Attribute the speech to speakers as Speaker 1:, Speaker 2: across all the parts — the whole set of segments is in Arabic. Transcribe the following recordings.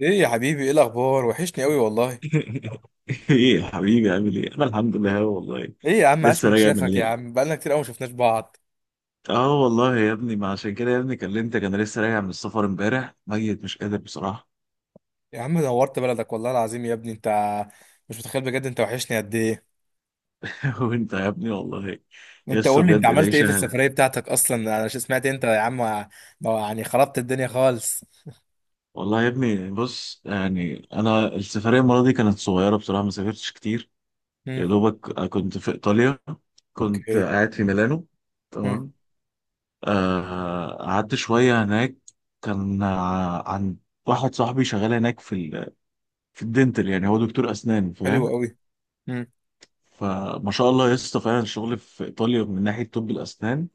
Speaker 1: ايه يا حبيبي، ايه الاخبار؟ وحشني قوي والله.
Speaker 2: ايه يا حبيبي، عامل ايه؟ انا الحمد لله أهو والله.
Speaker 1: ايه يا عم، عاش
Speaker 2: لسه
Speaker 1: من
Speaker 2: راجع من
Speaker 1: شافك يا
Speaker 2: اليوم.
Speaker 1: عم، بقالنا كتير قوي ما شفناش بعض.
Speaker 2: اه والله يا ابني، ما عشان كده يا ابني كلمتك، انا لسه راجع من السفر امبارح ميت، مش قادر بصراحه.
Speaker 1: يا عم نورت بلدك والله العظيم يا ابني انت. مش متخيل بجد انت وحشني قد ايه.
Speaker 2: وانت يا ابني والله.
Speaker 1: انت
Speaker 2: لسه
Speaker 1: قول لي، انت
Speaker 2: بجد
Speaker 1: عملت ايه في
Speaker 2: العيشه.
Speaker 1: السفرية بتاعتك اصلا؟ سمعت انت يا عم ما- يعني خربت الدنيا خالص.
Speaker 2: والله يا ابني بص، يعني انا السفريه المره دي كانت صغيره بصراحه، ما سافرتش كتير. يا
Speaker 1: امم
Speaker 2: دوبك كنت في ايطاليا. كنت
Speaker 1: اوكي
Speaker 2: قاعد في ميلانو.
Speaker 1: امم
Speaker 2: تمام. قعدت شويه هناك. كان عن واحد صاحبي شغال هناك في الدنتال، يعني هو دكتور اسنان،
Speaker 1: حلو
Speaker 2: فاهم.
Speaker 1: قوي. امم
Speaker 2: فما شاء الله يا اسطى، فعلا الشغل في ايطاليا من ناحيه طب الاسنان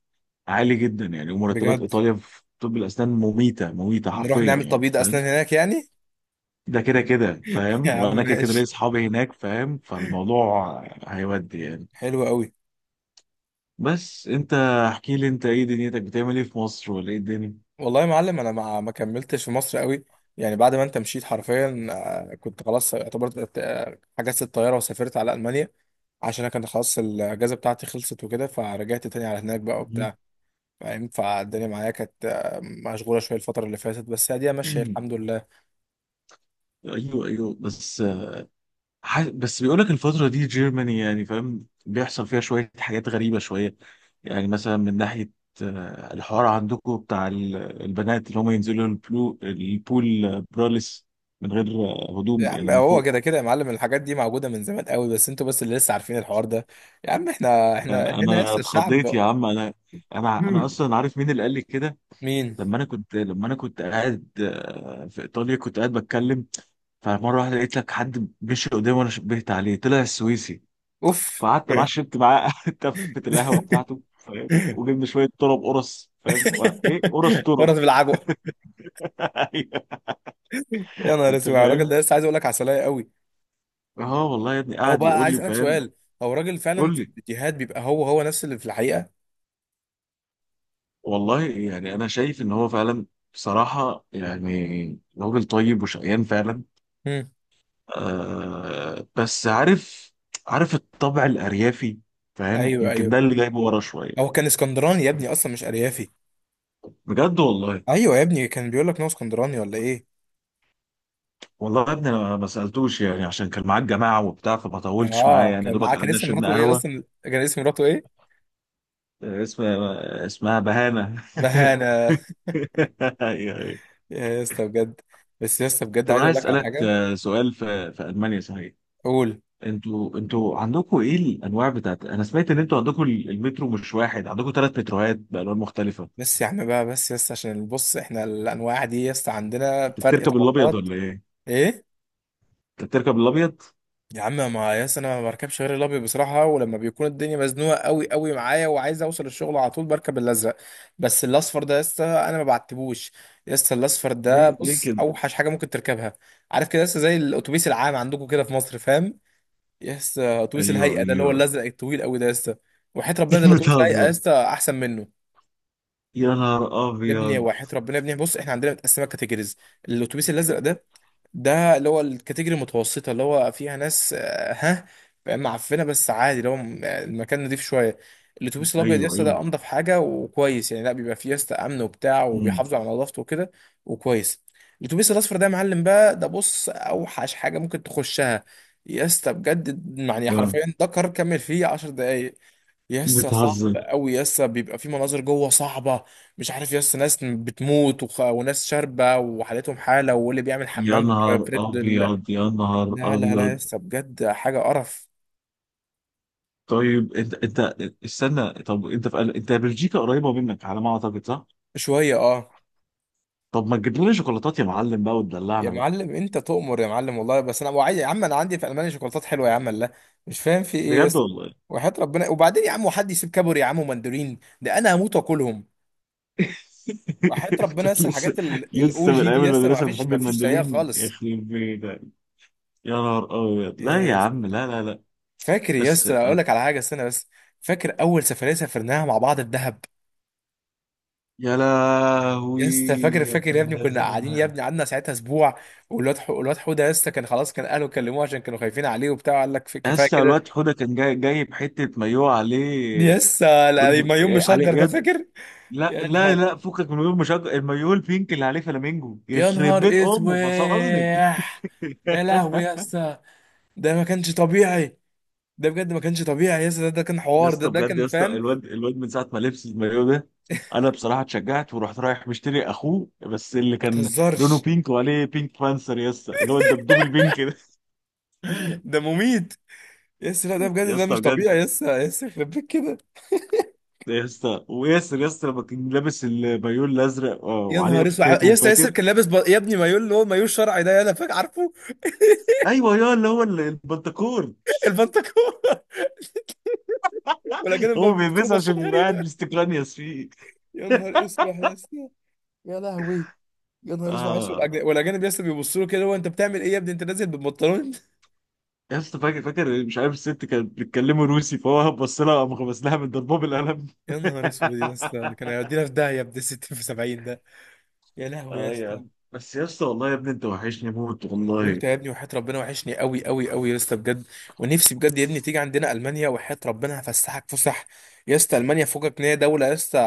Speaker 2: عالي جدا يعني، ومرتبات
Speaker 1: بجد؟
Speaker 2: ايطاليا في طب الاسنان مميته مميته
Speaker 1: نروح
Speaker 2: حرفيا
Speaker 1: نعمل
Speaker 2: يعني،
Speaker 1: تبييض
Speaker 2: فاهم.
Speaker 1: اسنان هناك يعني؟
Speaker 2: ده كده كده
Speaker 1: يا
Speaker 2: فاهم،
Speaker 1: عم
Speaker 2: وانا كده كده ليا
Speaker 1: ماشي.
Speaker 2: اصحابي هناك فاهم، فالموضوع هيودي يعني.
Speaker 1: حلو قوي.
Speaker 2: بس انت احكي لي، انت ايه دنيتك، بتعمل ايه في مصر ولا ايه الدنيا؟
Speaker 1: والله يا معلم انا ما كملتش في مصر قوي. يعني بعد ما انت مشيت حرفيا كنت خلاص اعتبرت، حجزت الطياره وسافرت على المانيا. عشان انا كان خلاص الاجازه بتاعتي خلصت وكده، فرجعت تاني على هناك بقى
Speaker 2: مهم.
Speaker 1: وبتاع. فاهم، فالدنيا معايا كانت، مشغوله شويه الفتره اللي فاتت، بس هي دي ماشيه الحمد لله.
Speaker 2: ايوه ايوه، بس بس بيقول لك الفترة دي جيرماني، يعني فاهم بيحصل فيها شوية حاجات غريبة شوية. يعني مثلا من ناحية الحوار عندكم بتاع البنات اللي هم ينزلوا البلو البول، براليس، من غير
Speaker 1: يا
Speaker 2: هدوم
Speaker 1: عم
Speaker 2: يعني من
Speaker 1: هو
Speaker 2: فوق.
Speaker 1: كده كده يا معلم الحاجات دي موجوده من زمان قوي، بس انتوا بس اللي لسه عارفين الحوار ده. يا عم احنا،
Speaker 2: يعني
Speaker 1: هنا
Speaker 2: انا
Speaker 1: لسه
Speaker 2: اتخضيت
Speaker 1: الشعب.
Speaker 2: يا عم. انا انا
Speaker 1: مم.
Speaker 2: اصلا عارف مين اللي قال لي كده.
Speaker 1: مين؟
Speaker 2: لما انا كنت قاعد في ايطاليا، كنت قاعد بتكلم. فمره واحده لقيت لك حد مشي قدامي وانا شبهت عليه، طلع السويسي.
Speaker 1: اوف.
Speaker 2: فقعدت معاه، شربت معاه تفة القهوة بتاعته فاهم، وجبنا شوية طرب قرص فاهم ايه، قرص طرب.
Speaker 1: ورد بالعجوه.
Speaker 2: أيوة.
Speaker 1: يا نهار
Speaker 2: انت
Speaker 1: اسود على الراجل
Speaker 2: فاهم.
Speaker 1: ده، لسه عايز اقول لك عسلية قوي.
Speaker 2: اه والله يا ابني
Speaker 1: هو
Speaker 2: قاعد
Speaker 1: بقى
Speaker 2: يقول
Speaker 1: عايز
Speaker 2: لي
Speaker 1: اسالك
Speaker 2: فاهم.
Speaker 1: سؤال، هو الراجل فعلا
Speaker 2: قول
Speaker 1: في
Speaker 2: لي.
Speaker 1: الفيديوهات بيبقى هو هو نفس اللي في الحقيقة؟
Speaker 2: والله يعني انا شايف ان هو فعلا، بصراحة يعني راجل طيب وشقيان فعلا.
Speaker 1: امم.
Speaker 2: آه بس عارف الطبع الأريافي، فاهم.
Speaker 1: ايوه
Speaker 2: يمكن
Speaker 1: ايوه.
Speaker 2: ده اللي جايبه ورا شوية.
Speaker 1: هو كان اسكندراني يا ابني اصلا، مش اريافي.
Speaker 2: بجد والله.
Speaker 1: ايوه يا ابني كان بيقول لك ان هو اسكندراني ولا ايه؟
Speaker 2: والله يا ابني انا ما سألتوش يعني، عشان كان معاك جماعة وبتاع، فما طولتش معاه
Speaker 1: اه
Speaker 2: يعني،
Speaker 1: كان معاه،
Speaker 2: دوبك
Speaker 1: كان
Speaker 2: قعدنا
Speaker 1: اسم
Speaker 2: شربنا
Speaker 1: مراته ايه
Speaker 2: قهوة.
Speaker 1: اصلا؟ كان اسم مراته ايه؟
Speaker 2: اسمها بهانة.
Speaker 1: بهانة؟
Speaker 2: أيوه، أيوه.
Speaker 1: يا اسطى بجد. بس يا اسطى بجد
Speaker 2: طب
Speaker 1: عايز
Speaker 2: انا
Speaker 1: اقول
Speaker 2: عايز
Speaker 1: لك على
Speaker 2: اسالك
Speaker 1: حاجة.
Speaker 2: سؤال، في المانيا صحيح؟
Speaker 1: قول.
Speaker 2: انتوا عندكم ايه الانواع بتاعت، انا سمعت ان انتوا عندكم المترو مش واحد، عندكم ثلاث متروهات بالوان مختلفه.
Speaker 1: بس يا عم بقى، بس يا اسطى عشان بص احنا الانواع دي يا اسطى عندنا
Speaker 2: انت
Speaker 1: فرق
Speaker 2: بتركب الابيض
Speaker 1: طبقات.
Speaker 2: ولا ايه؟
Speaker 1: ايه
Speaker 2: انت بتركب الابيض؟
Speaker 1: يا عم، ما ياس انا ما بركبش غير الابيض بصراحه، ولما بيكون الدنيا مزنوقه قوي قوي معايا وعايز اوصل الشغل على طول بركب الازرق. بس الاصفر ده يس انا ما بعتبوش. يس الاصفر ده
Speaker 2: ليه ليه
Speaker 1: بص
Speaker 2: كده؟
Speaker 1: اوحش حاجه ممكن تركبها. عارف كده يس زي الاتوبيس العام عندكم كده في مصر، فاهم؟ يس اتوبيس
Speaker 2: ايوه
Speaker 1: الهيئه ده اللي هو
Speaker 2: ايوه.
Speaker 1: الازرق الطويل قوي ده يس، وحياه ربنا ده الاتوبيس الهيئه
Speaker 2: بتهزر.
Speaker 1: يس احسن منه.
Speaker 2: يا نهار
Speaker 1: يا ابني
Speaker 2: ابيض.
Speaker 1: وحياه ربنا يا ابني بص احنا عندنا متقسمه كاتيجوريز. الاتوبيس الازرق ده، ده اللي هو الكاتيجوري المتوسطة اللي هو فيها ناس، ها، فاهم؟ معفنة، بس عادي اللي هو المكان نضيف شوية. الأتوبيس الأبيض
Speaker 2: ايوه
Speaker 1: يسطا
Speaker 2: ايوه،
Speaker 1: ده أنضف حاجة وكويس، يعني لا بيبقى فيه يسطا أمن وبتاع
Speaker 2: امم
Speaker 1: وبيحافظوا على نظافته وكده. وكويس. الأتوبيس الأصفر ده يا معلم بقى، ده بص أوحش حاجة ممكن تخشها. يسطا بجد يعني
Speaker 2: لا،
Speaker 1: حرفيا ده قرار كمل فيه 10 دقايق. يسا
Speaker 2: بتهزر.
Speaker 1: صعب قوي، يسا بيبقى في مناظر جوه صعبة. مش عارف يسا ناس بتموت وخ... وناس شاربة وحالتهم حالة واللي بيعمل
Speaker 2: يا
Speaker 1: حمام في
Speaker 2: نهار
Speaker 1: فريد ال-.
Speaker 2: ابيض، يا نهار
Speaker 1: لا لا لا
Speaker 2: ابيض.
Speaker 1: يسا بجد حاجة قرف.
Speaker 2: طيب انت استنى. طب انت بلجيكا قريبه منك على ما اعتقد، صح؟
Speaker 1: شوية اه.
Speaker 2: طب ما تجيب لنا شوكولاتات يا معلم بقى،
Speaker 1: يا
Speaker 2: وتدلعنا بقى.
Speaker 1: معلم انت تؤمر يا معلم والله، بس انا وعي... يا عم انا عندي في المانيا شوكولاتات حلوة يا عم، لا. مش فاهم في ايه
Speaker 2: بجد
Speaker 1: يسا.
Speaker 2: والله.
Speaker 1: وحياة ربنا، وبعدين يا عم وحد يسيب كابوري يا عم ومندورين؟ ده انا هموت واكلهم. وحياة ربنا
Speaker 2: انت
Speaker 1: يسا
Speaker 2: لسه
Speaker 1: الحاجات الاو
Speaker 2: لسه من
Speaker 1: جي دي
Speaker 2: ايام
Speaker 1: يسا ما
Speaker 2: المدرسه
Speaker 1: فيش
Speaker 2: بتحب
Speaker 1: ما فيش زيها
Speaker 2: المندلين
Speaker 1: خالص.
Speaker 2: يخرب بيتك. يا نهار ابيض، لا
Speaker 1: يا
Speaker 2: يا
Speaker 1: يسا،
Speaker 2: عم، لا لا لا.
Speaker 1: فاكر يا
Speaker 2: بس
Speaker 1: اسطى اقول لك على حاجه، استنى بس. فاكر اول سفريه سافرناها مع بعض، الدهب؟
Speaker 2: يا
Speaker 1: يا
Speaker 2: لهوي،
Speaker 1: اسطى فاكر؟
Speaker 2: يا
Speaker 1: فاكر يا
Speaker 2: ابن
Speaker 1: ابني كنا قاعدين يا
Speaker 2: الذين.
Speaker 1: ابني، قعدنا ساعتها اسبوع. والواد الواد حوده يا اسطى كان خلاص، كان اهله كلموه عشان كانوا خايفين عليه وبتاع، قال لك كفايه
Speaker 2: اسطى
Speaker 1: كده.
Speaker 2: الواد حوده كان جاي جايب حته مايوه
Speaker 1: يا
Speaker 2: عليه.
Speaker 1: اسطى لا- ما يوم
Speaker 2: إيه،
Speaker 1: مشجر
Speaker 2: عليه
Speaker 1: ده
Speaker 2: يد.
Speaker 1: فاكر.
Speaker 2: لا
Speaker 1: يا
Speaker 2: لا
Speaker 1: نهار،
Speaker 2: لا، فكك من غير مشجع، المايو البينك اللي عليه فلامينجو،
Speaker 1: يا
Speaker 2: يخرب
Speaker 1: نهار
Speaker 2: بيت امه فصلني.
Speaker 1: اسواح. يا لهوي يا اسطى، ده ما كانش طبيعي. ده بجد ما كانش طبيعي يا اسطى، ده كان
Speaker 2: يا
Speaker 1: حوار، ده
Speaker 2: اسطى
Speaker 1: ده
Speaker 2: بجد. يا
Speaker 1: كان
Speaker 2: اسطى
Speaker 1: فاهم.
Speaker 2: الواد من ساعه ما لبس المايو ده، انا بصراحه اتشجعت ورحت رايح مشتري اخوه، بس اللي
Speaker 1: ما
Speaker 2: كان لونه
Speaker 1: تهزرش،
Speaker 2: بينك وعليه بينك بانسر، يا اسطى اللي هو الدبدوب البينك ده.
Speaker 1: ده مميت. يا اسطى لا ده بجد
Speaker 2: يا
Speaker 1: ده
Speaker 2: اسطى
Speaker 1: مش
Speaker 2: بجد.
Speaker 1: طبيعي يا اسطى، يا اسطى يخرب بيت كده.
Speaker 2: يا اسطى وياسر، يا اسطى لما كان لابس المايو الازرق
Speaker 1: يا
Speaker 2: وعليه
Speaker 1: نهار اسود يا
Speaker 2: افوكاتو،
Speaker 1: اسطى، ياسر
Speaker 2: فاكر؟
Speaker 1: كان لابس ب... يا ابني مايو اللي هو مايو الشرعي ده، انا فاكر عارفه.
Speaker 2: ايوه، يا اللي هو البنتكور.
Speaker 1: البنطلون. والاجانب بقى
Speaker 2: هو
Speaker 1: بيبصوا له
Speaker 2: بيلبسه
Speaker 1: بصات
Speaker 2: عشان يبقى قاعد
Speaker 1: غريبه.
Speaker 2: مستقلنيس فيه.
Speaker 1: يا نهار اسود يا اسطى، يا لهوي، يا نهار اسود عايز،
Speaker 2: اه
Speaker 1: والاجانب يا اسطى بيبصوا له كده، هو انت بتعمل ايه يا ابني انت نازل بالبنطلون؟
Speaker 2: يا اسطى فاكر فاكر، مش عارف الست كانت بتتكلموا روسي، فهو بص لها، قام غمس لها من ضربه بالقلم.
Speaker 1: يا نهار اسود يا اسطى، كان هيودينا في داهيه، ابن 60 في 70 ده. يا لهوي يا
Speaker 2: اه يا
Speaker 1: اسطى.
Speaker 2: عم، بس يا اسطى والله يا ابني انت وحشني موت
Speaker 1: وانت
Speaker 2: والله.
Speaker 1: يا ابني وحياة ربنا وحشني قوي قوي قوي يا اسطى بجد. ونفسي بجد يا ابني تيجي عندنا المانيا، وحياة ربنا هفسحك فسح. يا اسطى المانيا فوقك ان هي دوله يا اسطى،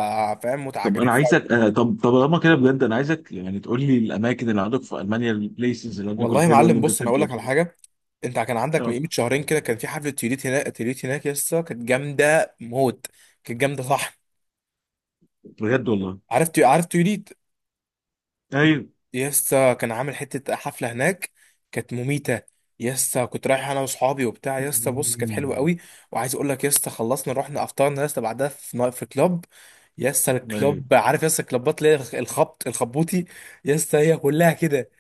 Speaker 1: فاهم،
Speaker 2: طب انا
Speaker 1: متعجرفه.
Speaker 2: عايزك طب لما كده بجد، انا عايزك يعني تقول لي الاماكن اللي عندك في المانيا، البليسز اللي عندك
Speaker 1: والله يا
Speaker 2: الحلوه اللي
Speaker 1: معلم
Speaker 2: انت
Speaker 1: بص انا
Speaker 2: بتحب
Speaker 1: اقول
Speaker 2: تقعد
Speaker 1: لك على
Speaker 2: فيها.
Speaker 1: حاجه. انت كان عندك من
Speaker 2: آه،
Speaker 1: قيمه شهرين كده كان في حفله تيوليت هناك، تيوليت هناك يا اسطى كانت جامده موت. كانت جامده صح؟
Speaker 2: بجد والله.
Speaker 1: عارف عارف تيوليت؟
Speaker 2: ايوه.
Speaker 1: يا اسطى كان عامل حته حفله هناك، كانت مميته. يا اسطى كنت رايح انا واصحابي وبتاع، يا اسطى بص كانت حلوه
Speaker 2: مم.
Speaker 1: قوي. وعايز اقول لك يا اسطى، خلصنا رحنا افطرنا يا اسطى بعدها في في كلاب. يا اسطى
Speaker 2: ايوه.
Speaker 1: الكلاب عارف يا اسطى الكلابات اللي هي الخبط الخبوطي؟ يا اسطى هي كلها كده.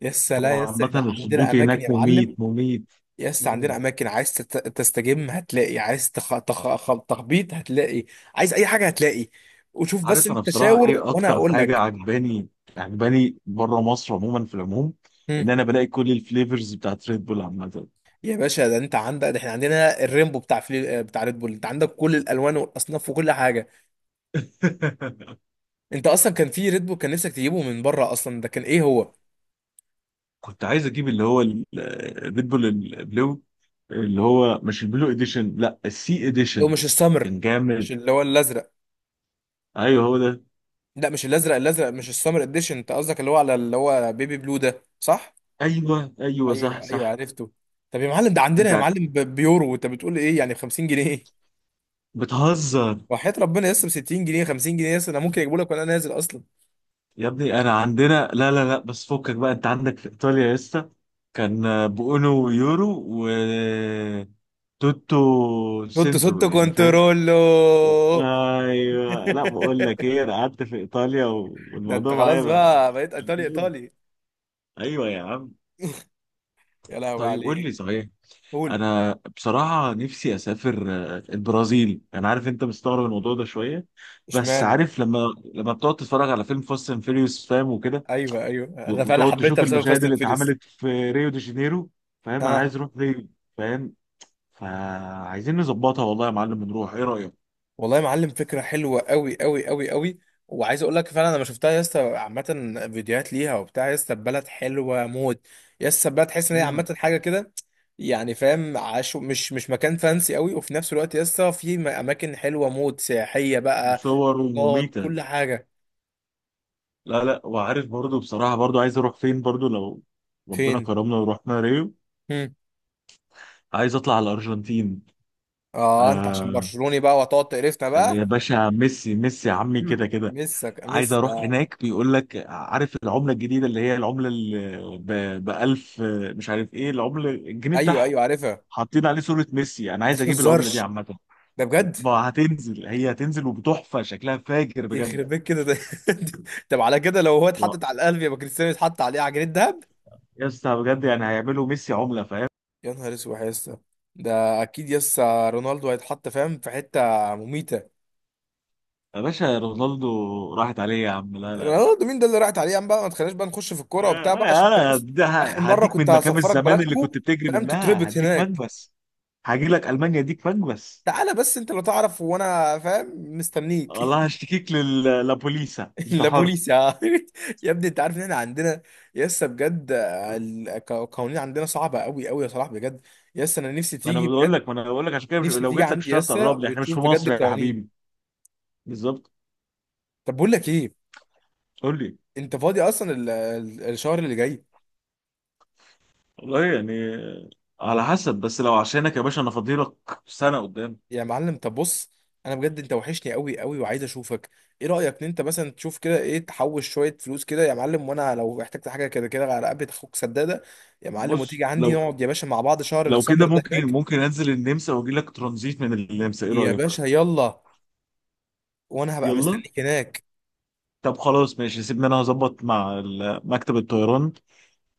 Speaker 1: يا اسطى لا
Speaker 2: هو
Speaker 1: يا اسطى احنا
Speaker 2: عامة
Speaker 1: عندنا
Speaker 2: الصبوتي
Speaker 1: اماكن
Speaker 2: هناك
Speaker 1: يا
Speaker 2: مميت
Speaker 1: معلم.
Speaker 2: مميت.
Speaker 1: يا اسطى عندنا
Speaker 2: مم.
Speaker 1: اماكن، عايز تستجم هتلاقي، عايز تخبيط هتلاقي، عايز اي حاجه هتلاقي. وشوف بس
Speaker 2: عارف انا
Speaker 1: انت،
Speaker 2: بصراحه
Speaker 1: شاور
Speaker 2: ايه
Speaker 1: وانا
Speaker 2: اكتر
Speaker 1: هقول
Speaker 2: حاجه
Speaker 1: لك.
Speaker 2: عجباني؟ بره مصر عموما في العموم، ان
Speaker 1: هم.
Speaker 2: انا بلاقي كل الفليفرز بتاعت ريد بول عامه.
Speaker 1: يا باشا ده انت عندك، ده احنا عندنا الريمبو بتاع بتاع ريد بول، انت عندك كل الالوان والاصناف وكل حاجه. انت اصلا كان في ريد بول كان نفسك تجيبه من بره اصلا، ده كان ايه هو اللي.
Speaker 2: كنت عايز اجيب اللي هو الريد بول البلو، اللي هو مش البلو اديشن، لا السي
Speaker 1: هو
Speaker 2: اديشن.
Speaker 1: مش السمر؟
Speaker 2: كان جامد.
Speaker 1: مش اللي هو الازرق؟
Speaker 2: ايوه هو ده.
Speaker 1: لا مش الازرق، الازرق مش السمر اديشن، انت قصدك اللي هو على اللي هو بيبي بلو ده صح؟
Speaker 2: ايوه ايوه، صح
Speaker 1: ايوه ايوه
Speaker 2: صح.
Speaker 1: عرفته. طب يا معلم ده عندنا
Speaker 2: انت
Speaker 1: يا معلم ب- بيورو، وانت بتقول ايه يعني، ب 50 جنيه؟
Speaker 2: بتهزر.
Speaker 1: وحياة ربنا لسه ب 60 جنيه، 50 جنيه، لسه انا ممكن اجيبه لك وانا نازل اصلا.
Speaker 2: يا ابني انا عندنا لا لا لا، بس فكك بقى، انت عندك في ايطاليا يا اسطى كان بأونو ويورو و توتو
Speaker 1: حط
Speaker 2: سنتو
Speaker 1: صوت
Speaker 2: يعني، فاهم.
Speaker 1: كنترولو.
Speaker 2: ايوه. لا بقول لك ايه، انا قعدت في ايطاليا
Speaker 1: ده انت
Speaker 2: والموضوع معايا
Speaker 1: خلاص
Speaker 2: بقى.
Speaker 1: بقى بقيت ايطالي ايطالي.
Speaker 2: ايوه يا عم.
Speaker 1: يا لهوي
Speaker 2: طيب قول
Speaker 1: عليك.
Speaker 2: لي صحيح،
Speaker 1: قول.
Speaker 2: انا بصراحه نفسي اسافر البرازيل. انا عارف انت مستغرب الموضوع ده شويه، بس
Speaker 1: اشمعنى؟
Speaker 2: عارف لما بتقعد تتفرج على فيلم فاست اند فيريوس فاهم وكده،
Speaker 1: ايوه ايوه انا فعلا
Speaker 2: وتقعد
Speaker 1: حبيتها
Speaker 2: تشوف
Speaker 1: بسبب
Speaker 2: المشاهد
Speaker 1: فاست اند
Speaker 2: اللي
Speaker 1: فيريس.
Speaker 2: اتعملت في ريو دي جانيرو، فاهم. انا عايز اروح ريو، فاهم. فعايزين نظبطها والله يا معلم ونروح، ايه رأيك؟
Speaker 1: والله يا معلم فكرة حلوة قوي قوي قوي قوي. وعايز اقول لك فعلا انا شفتها يا اسطى عامة، فيديوهات ليها وبتاع يا اسطى، البلد حلوة موت. يا اسطى البلد تحس ان هي
Speaker 2: مم.
Speaker 1: عامة حاجة كده، يعني فاهم، عاشو مش مكان فانسي قوي، وفي نفس الوقت يا اسطى في اماكن حلوة موت سياحية بقى.
Speaker 2: وصور
Speaker 1: نقط
Speaker 2: ومميتة.
Speaker 1: كل حاجة.
Speaker 2: لا لا، وعارف برضو بصراحة، برضو عايز اروح فين برضو لو ربنا
Speaker 1: فين؟
Speaker 2: كرمنا ورحنا ريو؟
Speaker 1: هم.
Speaker 2: عايز اطلع على الارجنتين.
Speaker 1: اه انت عشان
Speaker 2: آه
Speaker 1: برشلوني بقى وهتقعد تقرفنا
Speaker 2: يا
Speaker 1: بقى.
Speaker 2: باشا، ميسي ميسي يا عمي،
Speaker 1: مم.
Speaker 2: كده كده.
Speaker 1: مسك
Speaker 2: عايز
Speaker 1: مس
Speaker 2: اروح
Speaker 1: يا.
Speaker 2: هناك. بيقول لك عارف العملة الجديدة، اللي هي العملة اللي ب 1000، مش عارف ايه العملة، الجنيه
Speaker 1: ايوه
Speaker 2: بتاعهم،
Speaker 1: ايوه عارفها.
Speaker 2: حاطين عليه صورة ميسي. انا
Speaker 1: ما
Speaker 2: عايز اجيب العملة دي
Speaker 1: تهزرش،
Speaker 2: عامة.
Speaker 1: ده بجد.
Speaker 2: ما هتنزل، هي هتنزل وبتحفة، شكلها فاجر بجد.
Speaker 1: يخرب بيت كده ده. طب على كده لو هو
Speaker 2: و-
Speaker 1: اتحطت على القلب، يبقى كريستيانو يتحط عليه عجينة دهب.
Speaker 2: يا اسطى بجد، يعني هيعملوا ميسي عملة، فاهم.
Speaker 1: يا نهار اسود يا اسطى، ده اكيد يسا رونالدو هيتحط فاهم في حتة مميتة.
Speaker 2: يا باشا رونالدو راحت عليه يا عم، لا لا لا.
Speaker 1: رونالدو مين ده اللي راحت عليه يا عم بقى، ما تخليناش بقى نخش في الكورة وبتاع بقى عشان انت
Speaker 2: انا
Speaker 1: بس.
Speaker 2: ده
Speaker 1: اخر مرة
Speaker 2: هديك
Speaker 1: كنت
Speaker 2: من مكان
Speaker 1: هسفرك
Speaker 2: الزمان اللي
Speaker 1: بلدكو،
Speaker 2: كنت بتجري
Speaker 1: فاهم،
Speaker 2: منها،
Speaker 1: تتربط
Speaker 2: هديك
Speaker 1: هناك.
Speaker 2: مكبس. هاجي لك المانيا، اديك مكبس.
Speaker 1: تعالى، بس انت لو تعرف وانا فاهم مستنيك.
Speaker 2: والله هشتكيك للبوليسا، انت
Speaker 1: لا
Speaker 2: حر.
Speaker 1: بوليس يا. يا ابني انت عارف ان احنا عندنا يسا بجد القوانين عندنا صعبة قوي قوي يا صلاح بجد. يس انا نفسي تيجي.
Speaker 2: ما انا بقول لك عشان كده مش...
Speaker 1: نفسي
Speaker 2: لو
Speaker 1: تيجي
Speaker 2: جيت لك مش
Speaker 1: عندي
Speaker 2: هتعرف
Speaker 1: يسا
Speaker 2: تقرب لي، احنا مش
Speaker 1: وتشوف
Speaker 2: في
Speaker 1: بجد
Speaker 2: مصر يا
Speaker 1: القوانين.
Speaker 2: حبيبي. بالظبط.
Speaker 1: طب بقول لك ايه،
Speaker 2: قول لي.
Speaker 1: انت فاضي اصلا الشهر اللي جاي؟
Speaker 2: والله يعني على حسب، بس لو عشانك يا باشا انا فاضيلك سنه قدام.
Speaker 1: يا معلم طب بص، انا بجد انت وحشني قوي قوي وعايز اشوفك. ايه رايك ان انت مثلا تشوف كده، ايه، تحوش شويه فلوس كده يا معلم، وانا لو احتجت حاجه كده كده على قبل اخوك سداده؟ يا معلم
Speaker 2: بص
Speaker 1: وتيجي عندي
Speaker 2: لو
Speaker 1: نقعد يا باشا مع بعض شهر
Speaker 2: لو كده
Speaker 1: السمر ده
Speaker 2: ممكن،
Speaker 1: هناك.
Speaker 2: انزل النمسا واجي لك ترانزيت من النمسا، ايه
Speaker 1: يا
Speaker 2: رايك؟
Speaker 1: باشا يلا، وانا هبقى
Speaker 2: يلا.
Speaker 1: مستنيك هناك.
Speaker 2: طب خلاص ماشي، سيبني انا هظبط مع مكتب الطيران،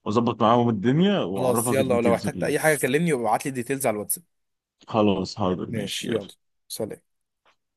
Speaker 2: واظبط معاهم الدنيا،
Speaker 1: خلاص
Speaker 2: واعرفك
Speaker 1: يلا، ولو
Speaker 2: الديتيلز
Speaker 1: احتجت
Speaker 2: كلها.
Speaker 1: اي حاجه كلمني وابعت لي ديتيلز على الواتساب.
Speaker 2: خلاص حاضر ماشي
Speaker 1: ماشي
Speaker 2: يلا.
Speaker 1: يلا. سلام.